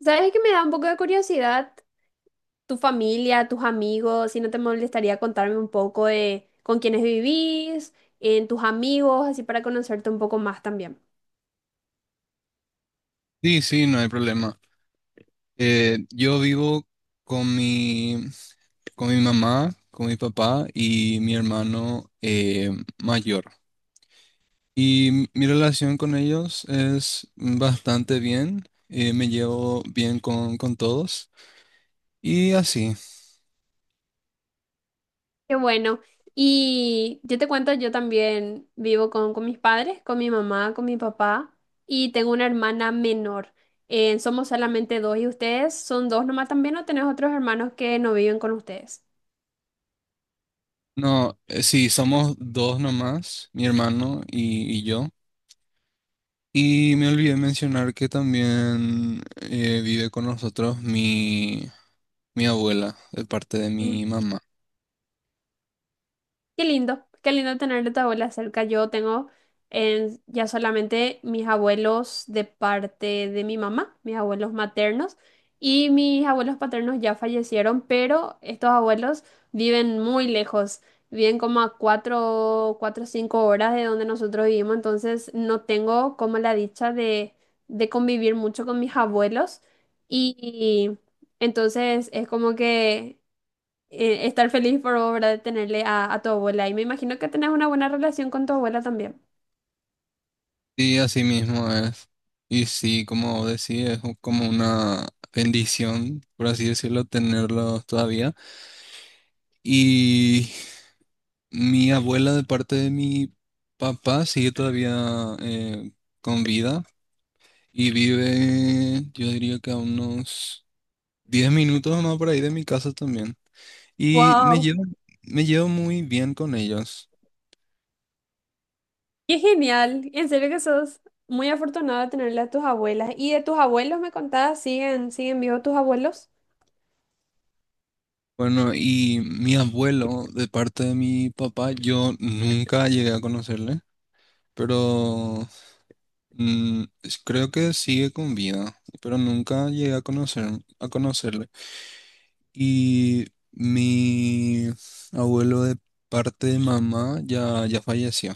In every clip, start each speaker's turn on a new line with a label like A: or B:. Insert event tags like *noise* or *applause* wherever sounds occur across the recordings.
A: ¿Sabes que me da un poco de curiosidad tu familia, tus amigos, si no te molestaría contarme un poco de con quiénes vivís, en tus amigos, así para conocerte un poco más también?
B: Sí, sí, no hay problema. Yo vivo con mi, con mi mamá, con mi papá y mi hermano mayor. Y mi relación con ellos es bastante bien. Me llevo bien con todos. Y así.
A: Qué bueno. Y yo te cuento, yo también vivo con mis padres, con mi mamá, con mi papá y tengo una hermana menor. Somos solamente dos y ustedes son dos nomás también o tenés otros hermanos que no viven con ustedes.
B: No, sí, somos dos nomás, mi hermano y yo. Y me olvidé mencionar que también vive con nosotros mi abuela, de parte de mi mamá.
A: Qué lindo tener a tu abuela cerca. Yo tengo ya solamente mis abuelos de parte de mi mamá, mis abuelos maternos, y mis abuelos paternos ya fallecieron, pero estos abuelos viven muy lejos, viven como a cuatro, 4 o 5 horas de donde nosotros vivimos, entonces no tengo como la dicha de convivir mucho con mis abuelos, y entonces es como que estar feliz por obra de tenerle a tu abuela. Y me imagino que tenés una buena relación con tu abuela también.
B: Sí, así mismo es. Y sí, como decía, como una bendición, por así decirlo, tenerlos todavía. Y mi abuela de parte de mi papá sigue todavía con vida y vive, yo diría que a unos 10 minutos más por ahí de mi casa también. Y me
A: ¡Wow!
B: llevo, me llevo muy bien con ellos.
A: ¡Qué genial! En serio que sos muy afortunada de tenerle a tus abuelas. ¿Y de tus abuelos me contabas? ¿Siguen vivos tus abuelos?
B: Bueno, y mi abuelo de parte de mi papá, yo nunca llegué a conocerle. Pero creo que sigue con vida, pero nunca llegué a conocerle. Y mi abuelo de parte de mamá ya falleció.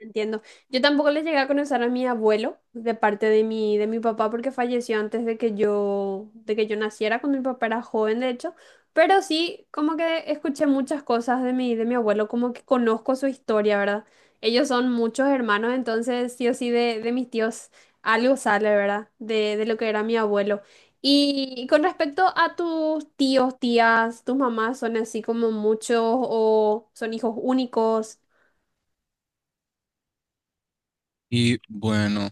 A: Entiendo. Yo tampoco le llegué a conocer a mi abuelo de parte de mi papá porque falleció antes de que yo naciera, cuando mi papá era joven, de hecho. Pero sí, como que escuché muchas cosas de mi abuelo, como que conozco su historia, ¿verdad? Ellos son muchos hermanos, entonces sí o sí de mis tíos algo sale, ¿verdad? De lo que era mi abuelo. Y con respecto a tus tíos, tías, tus mamás, ¿son así como muchos o son hijos únicos?
B: Y bueno,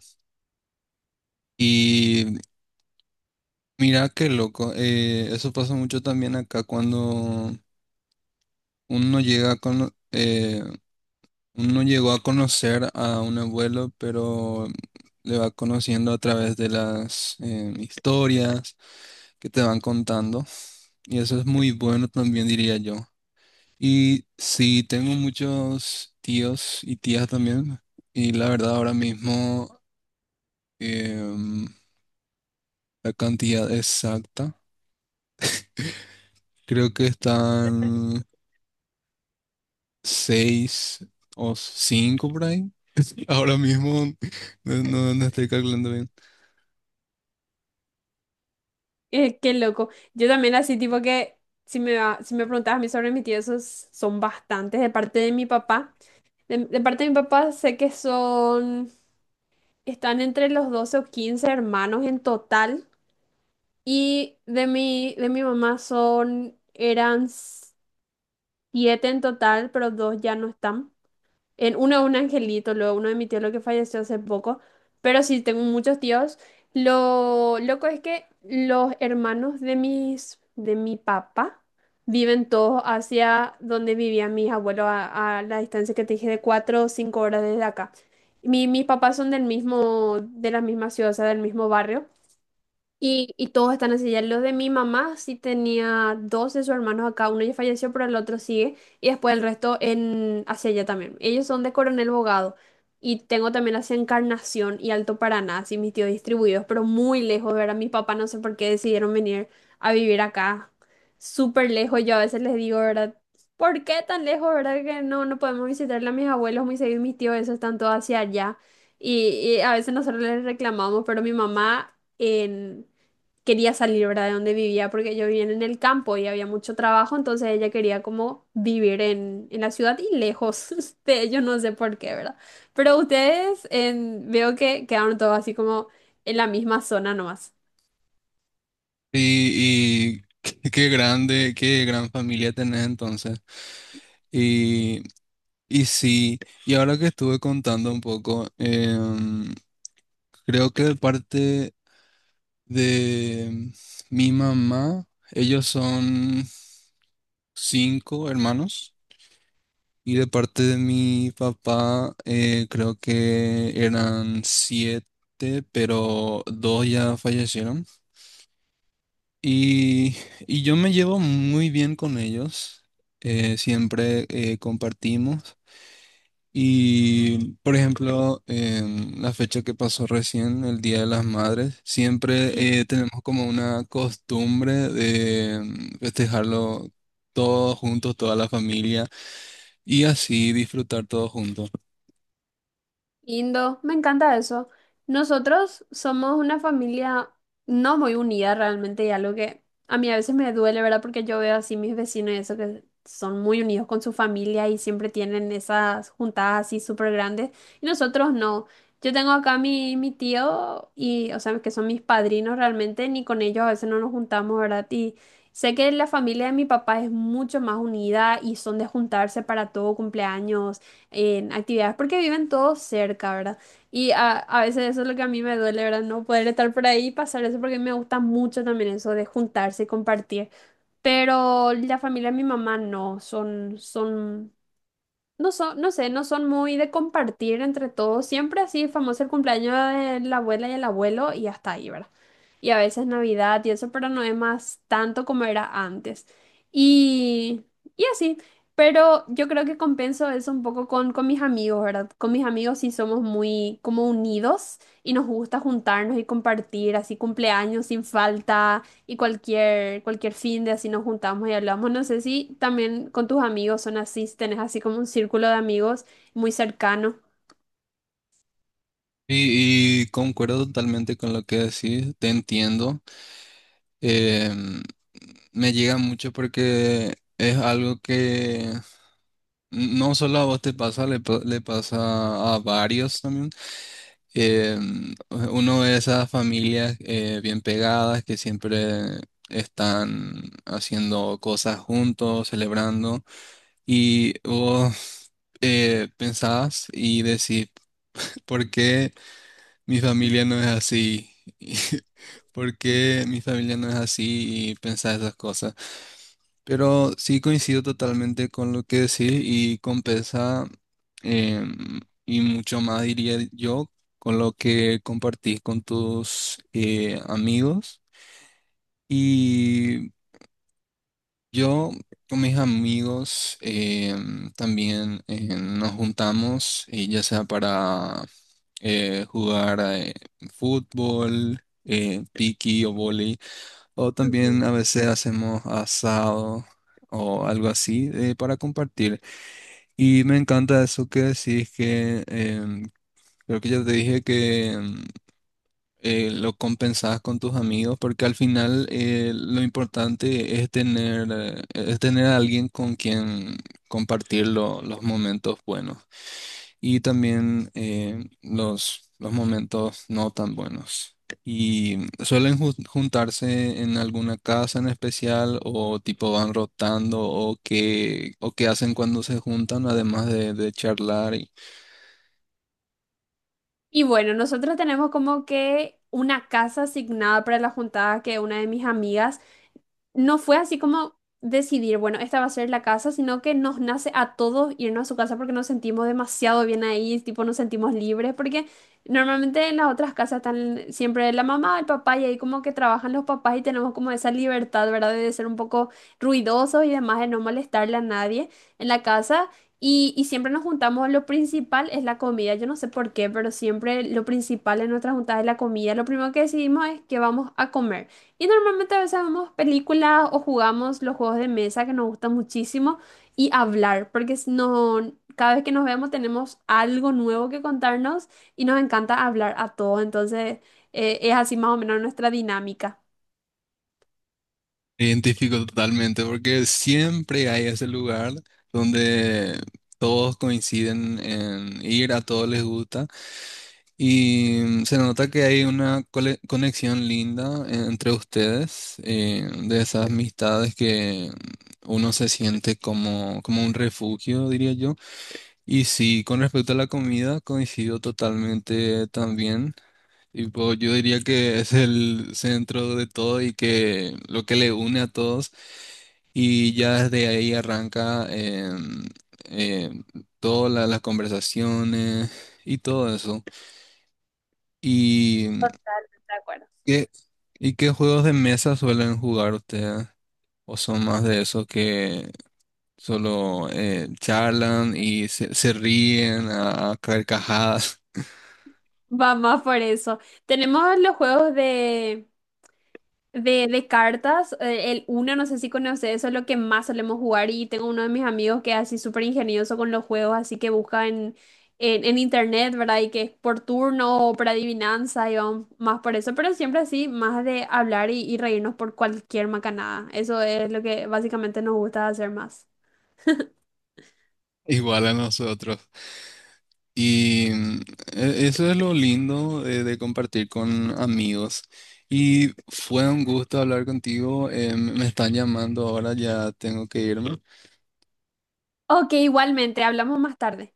B: y mira qué loco, eso pasa mucho también acá cuando uno llega a cono- eh, uno llegó a conocer a un abuelo, pero le va conociendo a través de las historias que te van contando. Y eso es muy bueno también, diría yo. Y sí, tengo muchos tíos y tías también. Y la verdad, ahora mismo, em, la cantidad exacta, creo que están seis o cinco por ahí. *laughs* Ahora mismo no estoy calculando bien.
A: Qué loco. Yo también así, tipo que si me preguntabas a mí sobre mis tíos, esos son bastantes. De parte de mi papá, de parte de mi papá sé que son, están entre los 12 o 15 hermanos en total. Y de mi mamá son, eran siete en total, pero dos ya no están. En uno un angelito, luego uno de mi tío lo que falleció hace poco, pero sí tengo muchos tíos. Lo loco es que los hermanos de mi papá viven todos hacia donde vivían mis abuelos a la distancia que te dije de 4 o 5 horas desde acá. Mis papás son del mismo, de la misma ciudad, o sea, del mismo barrio, y todos están así, ya los de mi mamá sí tenía dos de sus hermanos acá, uno ya falleció, pero el otro sigue, y después el resto en hacia allá también. Ellos son de Coronel Bogado, y tengo también hacia Encarnación y Alto Paraná, así mis tíos distribuidos, pero muy lejos, ¿verdad? Mis papás no sé por qué decidieron venir a vivir acá, súper lejos, yo a veces les digo, ¿verdad? ¿Por qué tan lejos, verdad? Que no podemos visitarle a mis abuelos muy seguido, mis tíos, esos están todos hacia allá, y a veces nosotros les reclamamos, pero mi mamá... En, Quería salir, ¿verdad? De donde vivía, porque yo vivía en el campo y había mucho trabajo, entonces ella quería como vivir en la ciudad y lejos *laughs* de ellos, no sé por qué, ¿verdad? Pero ustedes veo que quedaron todos así como en la misma zona nomás.
B: Y *laughs* qué grande, qué gran familia tenés entonces. y Y sí, y ahora que estuve contando un poco, creo que de parte de mi mamá, ellos son cinco hermanos, y de parte de mi papá, creo que eran siete, pero dos ya fallecieron. Y, y yo me llevo muy bien con ellos, siempre compartimos. Y, por ejemplo, en la fecha que pasó recién, el Día de las Madres, siempre tenemos como una costumbre de festejarlo todos juntos, toda la familia, y así disfrutar todos juntos.
A: Lindo, me encanta eso. Nosotros somos una familia no muy unida realmente y algo que a mí a veces me duele, ¿verdad? Porque yo veo así mis vecinos y eso que son muy unidos con su familia y siempre tienen esas juntadas así súper grandes y nosotros no. Yo tengo acá a mi tío y, o sea, que son mis padrinos realmente, ni con ellos a veces no nos juntamos, ¿verdad? Y sé que la familia de mi papá es mucho más unida y son de juntarse para todo cumpleaños en actividades porque viven todos cerca, ¿verdad? Y a veces eso es lo que a mí me duele, ¿verdad? No poder estar por ahí y pasar eso porque me gusta mucho también eso de juntarse y compartir. Pero la familia de mi mamá no, son no son, no sé, no son muy de compartir entre todos. Siempre así, famoso el cumpleaños de la abuela y el abuelo y hasta ahí, ¿verdad? Y a veces Navidad y eso, pero no es más tanto como era antes. Y, y así. Pero yo creo que compenso eso un poco con mis amigos, ¿verdad? Con mis amigos sí somos muy como unidos y nos gusta juntarnos y compartir así cumpleaños sin falta. Y cualquier fin de así nos juntamos y hablamos. No sé si también con tus amigos son así, si tenés así como un círculo de amigos muy cercano.
B: Y concuerdo totalmente con lo que decís, te entiendo. em, me llega mucho porque es algo que no solo a vos te pasa, le pasa a varios también. Eh, uno de esas familias bien pegadas que siempre están haciendo cosas juntos, celebrando, y vos pensás y decís, ¿por qué mi familia no es así? *laughs* ¿Por qué mi familia no es así? Y pensás esas cosas. Pero sí coincido totalmente con lo que decís y compensa eh, y mucho más diría yo con lo que compartís con tus amigos. Y yo con mis amigos también nos juntamos ya sea para jugar fútbol, piqui o vóley. O también
A: Ujú.
B: a veces hacemos asado o algo así para compartir. Y me encanta eso que decís que creo que ya te dije que lo compensás con tus amigos porque al final lo importante es tener a alguien con quien compartir los momentos buenos y también los momentos no tan buenos. Y suelen juntarse en alguna casa en especial o tipo van rotando o qué hacen cuando se juntan, además de charlar.
A: Y bueno, nosotros tenemos como que una casa asignada para la juntada que una de mis amigas no fue así como decidir, bueno, esta va a ser la casa, sino que nos nace a todos irnos a su casa porque nos sentimos demasiado bien ahí, tipo nos sentimos libres, porque normalmente en las otras casas están siempre la mamá, el papá y ahí como que trabajan los papás y tenemos como esa libertad, ¿verdad? De ser un poco ruidosos y demás, de no molestarle a nadie en la casa. Y siempre nos juntamos, lo principal es la comida, yo no sé por qué, pero siempre lo principal en nuestras juntas es la comida. Lo primero que decidimos es que vamos a comer. Y normalmente a veces vemos películas o jugamos los juegos de mesa que nos gustan muchísimo y hablar, porque no, cada vez que nos vemos tenemos algo nuevo que contarnos y nos encanta hablar a todos. Entonces, es así más o menos nuestra dinámica.
B: Me identifico totalmente porque siempre hay ese lugar donde todos coinciden en ir, a todos les gusta. Y se nota que hay una conexión linda entre ustedes, de esas amistades que uno se siente como un refugio, diría yo. Y sí, con respecto a la comida, coincido totalmente también. Tipo, yo diría que es el centro de todo y que lo que le une a todos. Y ya desde ahí arranca em, todas las conversaciones y todo eso. Y
A: No, de acuerdo.
B: ¿Qué- ¿Y qué juegos de mesa suelen jugar ustedes? ¿O son más de esos que solo charlan y se ríen a carcajadas,
A: Va más por eso. Tenemos los juegos de cartas, el uno, no sé si conoces, eso es lo que más solemos jugar y tengo uno de mis amigos que es así súper ingenioso con los juegos, así que busca en internet, ¿verdad? Y que es por turno o por adivinanza y vamos más por eso, pero siempre así, más de hablar y reírnos por cualquier macanada. Eso es lo que básicamente nos gusta hacer más.
B: *laughs* igual a nosotros? Y eso es lo lindo de compartir con amigos. Y fue un gusto hablar contigo. Me están llamando ahora, ya tengo que irme.
A: Ok, igualmente, hablamos más tarde.